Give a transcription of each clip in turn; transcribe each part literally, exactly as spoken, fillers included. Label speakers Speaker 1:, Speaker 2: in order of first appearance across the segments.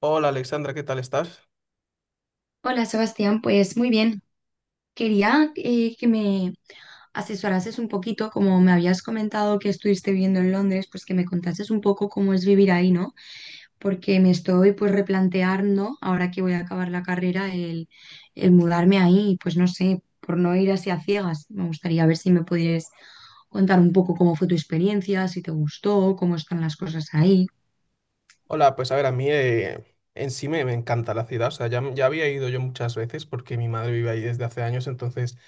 Speaker 1: Hola Alexandra, ¿qué tal estás?
Speaker 2: Hola Sebastián, pues muy bien. Quería eh, que me asesorases un poquito, como me habías comentado que estuviste viviendo en Londres, pues que me contases un poco cómo es vivir ahí, ¿no? Porque me estoy pues replanteando, ahora que voy a acabar la carrera, el, el mudarme ahí, pues no sé, por no ir así a ciegas. Me gustaría ver si me pudieras contar un poco cómo fue tu experiencia, si te gustó, cómo están las cosas ahí.
Speaker 1: Hola, pues a ver, a mí eh, en sí me, me encanta la ciudad, o sea, ya, ya había ido yo muchas veces porque mi madre vive ahí desde hace años, entonces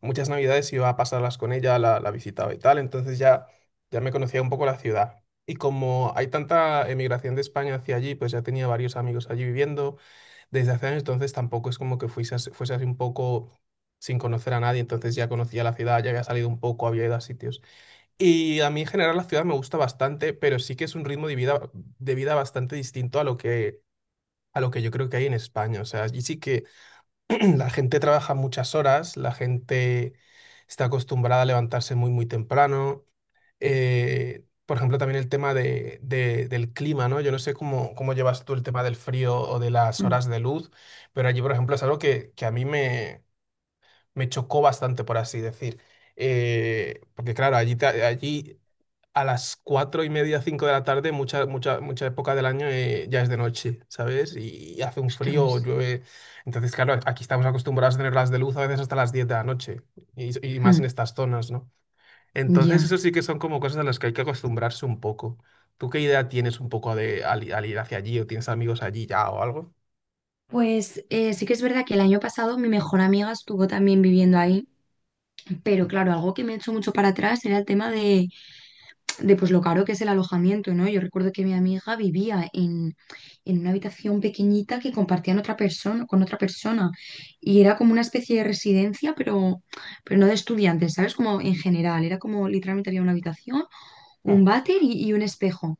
Speaker 1: muchas navidades iba a pasarlas con ella, la, la visitaba y tal, entonces ya, ya me conocía un poco la ciudad. Y como hay tanta emigración de España hacia allí, pues ya tenía varios amigos allí viviendo desde hace años, entonces tampoco es como que fuese, as- fuese así un poco sin conocer a nadie, entonces ya conocía la ciudad, ya había salido un poco, había ido a sitios. Y a mí en general la ciudad me gusta bastante, pero sí que es un ritmo de vida, de vida bastante distinto a lo que, a lo que yo creo que hay en España. O sea, allí sí que la gente trabaja muchas horas, la gente está acostumbrada a levantarse muy, muy temprano. Eh, por ejemplo, también el tema de, de- del clima, ¿no? Yo no sé cómo, cómo llevas tú el tema del frío o de las
Speaker 2: Mm,
Speaker 1: horas de luz, pero allí, por ejemplo, es algo que, que a mí me, me chocó bastante, por así decir. Eh, porque claro, allí, te- allí a las cuatro y media, cinco de la tarde, mucha, mucha, mucha época del año eh, ya es de noche, ¿sabes? Y hace un frío
Speaker 2: Ostras.
Speaker 1: o llueve. Entonces, claro, aquí estamos acostumbrados a tener las de luz a veces hasta las diez de la noche y, y más en
Speaker 2: Mm,
Speaker 1: estas zonas, ¿no? Entonces,
Speaker 2: ya.
Speaker 1: eso sí que son como cosas a las que hay que acostumbrarse un poco. ¿Tú qué idea tienes un poco de al, i- al ir hacia allí o tienes amigos allí ya o algo?
Speaker 2: Pues eh, sí que es verdad que el año pasado mi mejor amiga estuvo también viviendo ahí, pero claro, algo que me echó mucho para atrás era el tema de, de, pues lo caro que es el alojamiento, ¿no? Yo recuerdo que mi amiga vivía en, en una habitación pequeñita que compartían otra persona, con otra persona y era como una especie de residencia, pero, pero no de estudiantes, ¿sabes? Como en general, era como literalmente había una habitación, un
Speaker 1: Mm,
Speaker 2: váter y, y un espejo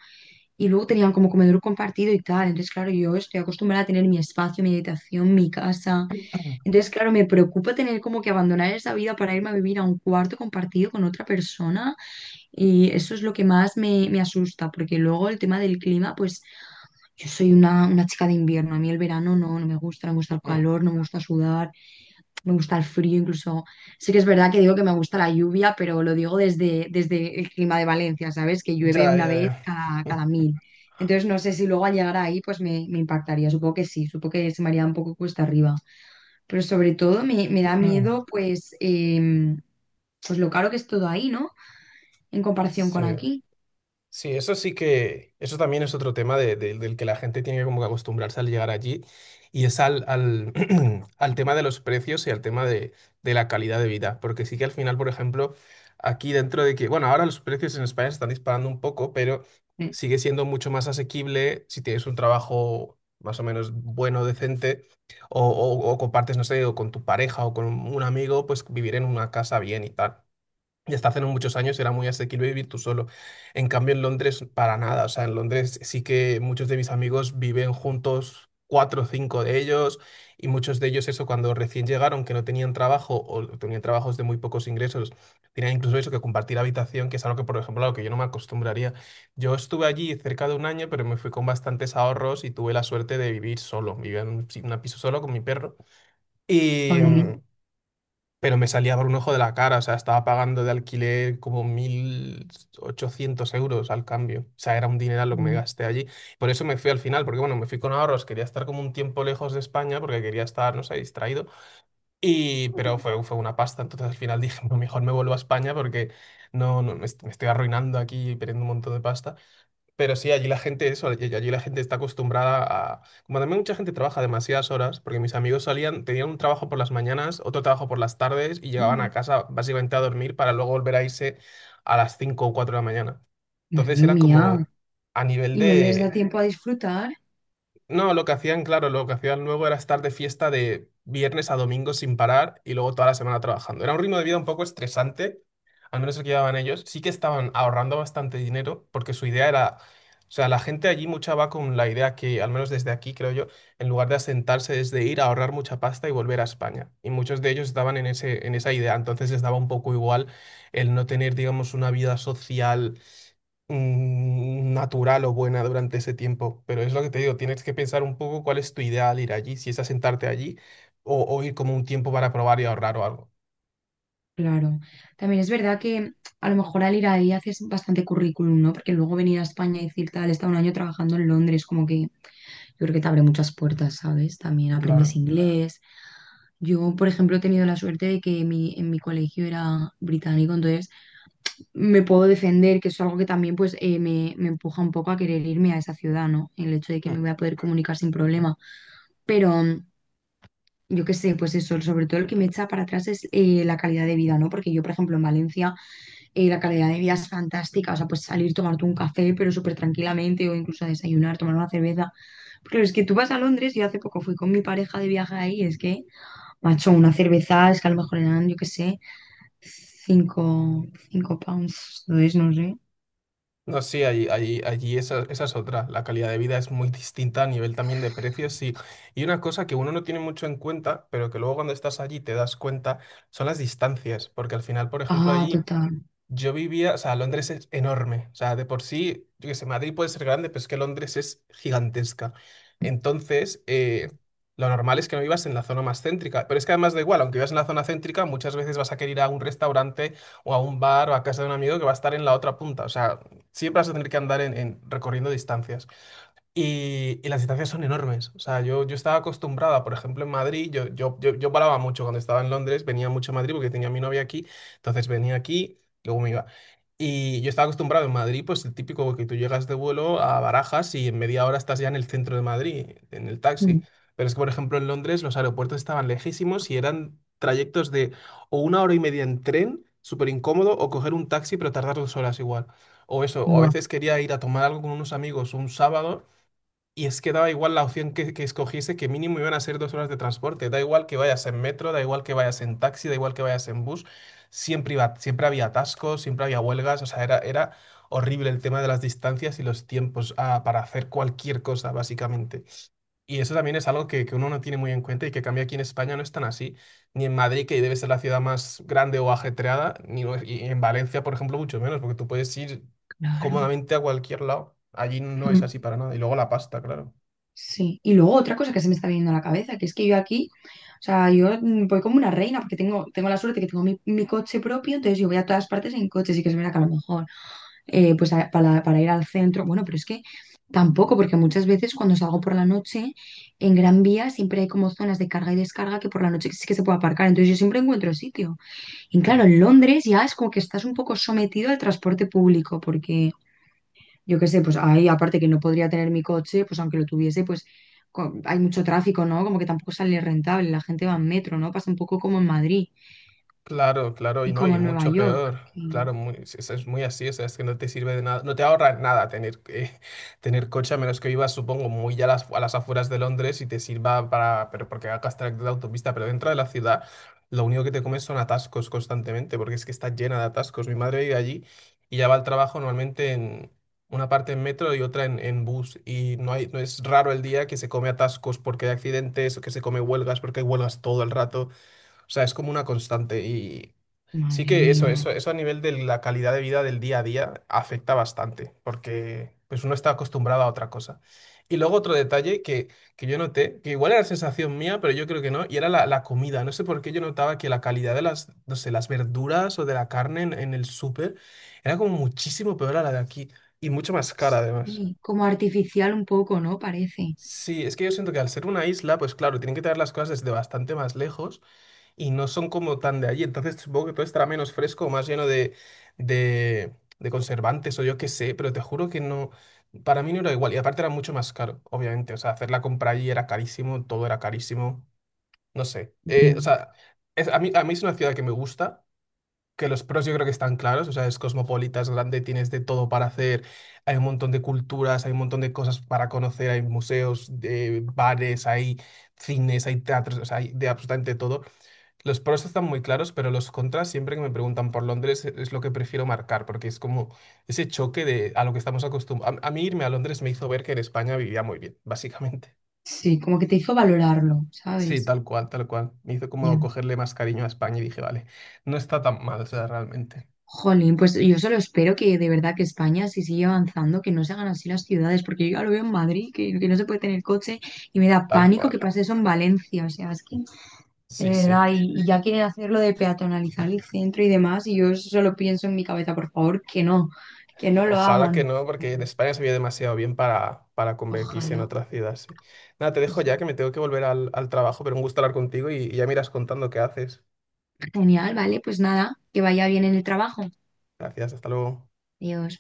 Speaker 2: y luego tenían como comedor compartido y tal, entonces claro, yo estoy acostumbrada a tener mi espacio, mi habitación, mi casa.
Speaker 1: mm,
Speaker 2: Entonces, claro, me preocupa tener como que abandonar esa vida para irme a vivir a un cuarto compartido con otra persona y eso es lo que más me, me asusta, porque luego el tema del clima, pues yo soy una, una chica de invierno, a mí el verano no, no me gusta, no me gusta el
Speaker 1: mm.
Speaker 2: calor, no me gusta sudar, me gusta el frío, incluso. Sí que es verdad que digo que me gusta la lluvia, pero lo digo desde, desde el clima de Valencia, ¿sabes? Que
Speaker 1: Ya,
Speaker 2: llueve una
Speaker 1: ya,
Speaker 2: vez cada,
Speaker 1: ya.
Speaker 2: cada mil. Entonces no sé si luego al llegar ahí pues me, me impactaría. Supongo que sí, supongo que se me haría un poco cuesta arriba. Pero sobre todo me, me da miedo pues, em, pues lo caro que es todo ahí, ¿no? En comparación
Speaker 1: Sí.
Speaker 2: con aquí.
Speaker 1: Sí, eso sí que, eso también es otro tema de- de- del que la gente tiene que como que acostumbrarse al llegar allí y es al, al, al tema de los precios y al tema de, de la calidad de vida, porque sí que al final, por ejemplo, aquí dentro de que, bueno, ahora los precios en España se están disparando un poco, pero
Speaker 2: Eh.
Speaker 1: sigue siendo mucho más asequible si tienes un trabajo más o menos bueno, decente, o, o o compartes, no sé, o con tu pareja o con un amigo, pues vivir en una casa bien y tal. Y hasta hace no muchos años era muy asequible vivir tú solo. En cambio, en Londres, para nada. O sea, en Londres sí que muchos de mis amigos viven juntos, cuatro o cinco de ellos, y muchos de ellos, eso, cuando recién llegaron, que no tenían trabajo o tenían trabajos de muy pocos ingresos, tenían incluso eso que compartir habitación, que es algo que, por ejemplo, a lo que yo no me acostumbraría. Yo estuve allí cerca de un año, pero me fui con bastantes ahorros y tuve la suerte de vivir solo. Vivía en un, pi- un piso solo con mi perro. Y.
Speaker 2: Mm.
Speaker 1: mm, pero me salía por un ojo de la cara, o sea, estaba pagando de alquiler como mil ochocientos euros al cambio, o sea, era un dineral lo que me gasté allí. Por eso me fui al final, porque bueno, me fui con ahorros, quería estar como un tiempo lejos de España, porque quería estar, no sé, distraído, y, pero fue, fue una pasta, entonces al final dije, no, mejor me vuelvo a España porque no, no, me, est- me estoy arruinando aquí y perdiendo un montón de pasta. Pero sí, allí la gente, eso, allí allí la gente está acostumbrada a... Como también mucha gente trabaja demasiadas horas, porque mis amigos salían, tenían un trabajo por las mañanas, otro trabajo por las tardes y llegaban a
Speaker 2: Con.
Speaker 1: casa básicamente a dormir para luego volver a irse a las cinco o cuatro de la mañana. Entonces
Speaker 2: Madre
Speaker 1: era
Speaker 2: mía.
Speaker 1: como a nivel
Speaker 2: Y no les da
Speaker 1: de...
Speaker 2: tiempo a disfrutar.
Speaker 1: No, lo que hacían, claro, lo que hacían luego era estar de fiesta de viernes a domingo sin parar y luego toda la semana trabajando. Era un ritmo de vida un poco estresante, al menos el que llevaban ellos. Sí que estaban ahorrando bastante dinero porque su idea era, o sea, la gente allí mucha va con la idea que, al menos desde aquí, creo yo, en lugar de asentarse es de ir a ahorrar mucha pasta y volver a España. Y muchos de ellos estaban en ese, en esa idea, entonces les daba un poco igual el no tener, digamos, una vida social mm, natural o buena durante ese tiempo. Pero es lo que te digo, tienes que pensar un poco cuál es tu ideal ir allí, si es asentarte allí o, o ir como un tiempo para probar y ahorrar o algo.
Speaker 2: Claro. También es verdad que a lo mejor al ir ahí haces bastante currículum, ¿no? Porque luego venir a España y decir tal, he estado un año trabajando en Londres, como que yo creo que te abre muchas puertas, ¿sabes? También aprendes.
Speaker 1: Claro.
Speaker 2: Claro. Inglés. Yo, por ejemplo, he tenido la suerte de que mi, en mi colegio era británico, entonces me puedo defender, que es algo que también pues eh, me, me empuja un poco a querer irme a esa ciudad, ¿no? El hecho de que me
Speaker 1: Mm.
Speaker 2: voy a poder comunicar sin problema. Pero mm, yo qué sé, pues eso, sobre todo el que me echa para atrás es eh, la calidad de vida, ¿no? Porque yo, por ejemplo, en Valencia eh, la calidad de vida es fantástica, o sea, pues salir, tomarte un café, pero súper tranquilamente, o incluso a desayunar, tomar una cerveza. Porque es que tú vas a Londres, yo hace poco fui con mi pareja de viaje ahí, es que, macho, una cerveza es que a lo mejor eran, yo qué sé, cinco, cinco pounds, no es, no sé.
Speaker 1: No, sí, allí, allí, allí esa, esa es otra. La calidad de vida es muy distinta a nivel también de precios y, y una cosa que uno no tiene mucho en cuenta, pero que luego cuando estás allí te das cuenta, son las distancias. Porque al final, por ejemplo,
Speaker 2: Ah,
Speaker 1: allí.
Speaker 2: total.
Speaker 1: Yo vivía, o sea, Londres es enorme, o sea, de por sí, yo qué sé, Madrid puede ser grande, pero es que Londres es gigantesca. Entonces, eh, lo normal es que no vivas en la zona más céntrica, pero es que además da igual, aunque vivas en la zona céntrica, muchas veces vas a querer ir a un restaurante o a un bar o a casa de un amigo que va a estar en la otra punta, o sea, siempre vas a tener que andar en, en- recorriendo distancias. Y, y las distancias son enormes. O sea, yo, yo estaba acostumbrada, por ejemplo, en Madrid, yo, yo, yo, yo paraba mucho cuando estaba en Londres, venía mucho a Madrid porque tenía a mi novia aquí, entonces venía aquí, luego me iba. Y yo estaba acostumbrado en Madrid, pues el típico que tú llegas de vuelo a Barajas y en media hora estás ya en el centro de Madrid, en el taxi.
Speaker 2: Mm,
Speaker 1: Pero es que, por ejemplo, en Londres los aeropuertos estaban lejísimos y eran trayectos de o una hora y media en tren, súper incómodo, o coger un taxi pero tardar dos horas igual. O eso, o a
Speaker 2: Buah.
Speaker 1: veces quería ir a tomar algo con unos amigos un sábado y es que daba igual la opción que, que escogiese, que mínimo iban a ser dos horas de transporte. Da igual que vayas en metro, da igual que vayas en taxi, da igual que vayas en bus. Siempre iba, siempre había atascos, siempre había huelgas. O sea, era, era horrible el tema de las distancias y los tiempos ah, para hacer cualquier cosa, básicamente. Y eso también es algo que, que uno no tiene muy en cuenta y que cambia aquí en España no es tan así. Ni en Madrid, que debe ser la ciudad más grande o ajetreada, ni y en Valencia, por ejemplo, mucho menos, porque tú puedes ir
Speaker 2: Claro.
Speaker 1: cómodamente a cualquier lado. Allí no es
Speaker 2: Mm,
Speaker 1: así para nada. Y luego la pasta, claro.
Speaker 2: Sí. Y luego otra cosa que se me está viniendo a la cabeza, que es que yo aquí, o sea, yo mm, voy como una reina, porque tengo, tengo la suerte que tengo mi, mi coche propio, entonces yo voy a todas partes en coche, sí que es verdad que a lo mejor, eh, pues a- para, para ir al centro. Bueno, pero es que tampoco, porque muchas veces cuando salgo por la noche, en Gran Vía siempre hay como zonas de carga y descarga que por la noche sí que se puede aparcar. Entonces yo siempre encuentro sitio. Y claro,
Speaker 1: Claro,
Speaker 2: en Londres ya es como que estás un poco sometido al transporte público, porque yo qué sé, pues ahí aparte que no podría tener mi coche, pues aunque lo tuviese, pues co- hay mucho tráfico, ¿no? Como que tampoco sale rentable, la gente va en metro, ¿no? Pasa un poco como en Madrid
Speaker 1: claro, claro, y
Speaker 2: y
Speaker 1: no,
Speaker 2: como
Speaker 1: y
Speaker 2: en Nueva
Speaker 1: mucho
Speaker 2: York.
Speaker 1: peor.
Speaker 2: Y-
Speaker 1: Claro, muy- es, es es muy así, o sea, es que no te sirve de nada, no te ahorra nada tener, eh, tener coche, a menos que vivas, supongo, muy a las, a las afueras de Londres y te sirva para, pero porque hagas trayecto de autopista, pero dentro de la ciudad lo único que te comes son atascos constantemente, porque es que está llena de atascos. Mi madre vive allí y ya va al trabajo normalmente en una parte en metro y otra en, en bus, y no hay, no es raro el día que se come atascos porque hay accidentes o que se come huelgas porque hay huelgas todo el rato. O sea, es como una constante y sí
Speaker 2: Madre
Speaker 1: que
Speaker 2: mía.
Speaker 1: eso, eso, eso a nivel de la calidad de vida del día a día afecta bastante, porque pues uno está acostumbrado a otra cosa. Y luego otro detalle que, que yo noté, que igual era sensación mía, pero yo creo que no, y era la, la comida. No sé por qué yo notaba que la calidad de las, no sé, las verduras o de la carne en, en el súper era como muchísimo peor a la de aquí y mucho más cara además.
Speaker 2: Sí, como artificial un poco, ¿no? Parece.
Speaker 1: Sí, es que yo siento que al ser una isla, pues claro, tienen que traer las cosas desde bastante más lejos y no son como tan de allí. Entonces supongo que todo estará menos fresco, más lleno de, de, de conservantes o yo qué sé, pero te juro que no, para mí no era igual. Y aparte era mucho más caro, obviamente. O sea, hacer la compra allí era carísimo, todo era carísimo. No sé. Eh, o
Speaker 2: Ya.
Speaker 1: sea, es, a mí, a mí es una ciudad que me gusta. Que los pros yo creo que están claros, o sea, es cosmopolita, es grande, tienes de todo para hacer, hay un montón de culturas, hay un montón de cosas para conocer, hay museos, de bares, hay cines, hay teatros, o sea, hay de absolutamente todo. Los pros están muy claros, pero los contras siempre que me preguntan por Londres e- es lo que prefiero marcar, porque es como ese choque de a lo que estamos acostumbrados. A, a mí irme a Londres me hizo ver que en España vivía muy bien, básicamente.
Speaker 2: Sí, como que te hizo valorarlo,
Speaker 1: Sí,
Speaker 2: ¿sabes?
Speaker 1: tal cual, tal cual. Me hizo como
Speaker 2: Ya.
Speaker 1: cogerle más cariño a España y dije, vale, no está tan mal, o sea, realmente.
Speaker 2: Jolín, pues yo solo espero que de verdad que España, si sigue avanzando, que no se hagan así las ciudades, porque yo ya lo veo en Madrid, que, que no se puede tener coche, y me da
Speaker 1: Tal
Speaker 2: pánico
Speaker 1: cual.
Speaker 2: que pase eso en Valencia, o sea, es que de
Speaker 1: Sí, sí.
Speaker 2: verdad, y, y ya quieren hacerlo de peatonalizar el centro y demás, y yo eso solo pienso en mi cabeza, por favor, que no, que no lo
Speaker 1: Ojalá que
Speaker 2: hagan.
Speaker 1: no, porque en España se vive demasiado bien para, para convertirse en
Speaker 2: Ojalá.
Speaker 1: otra ciudad, sí. Nada, te
Speaker 2: Pues
Speaker 1: dejo
Speaker 2: sí.
Speaker 1: ya que me tengo que volver al, al trabajo, pero un gusto hablar contigo y, y ya miras contando qué haces.
Speaker 2: Genial, vale, pues nada, que vaya bien en el trabajo.
Speaker 1: Gracias, hasta luego.
Speaker 2: Adiós.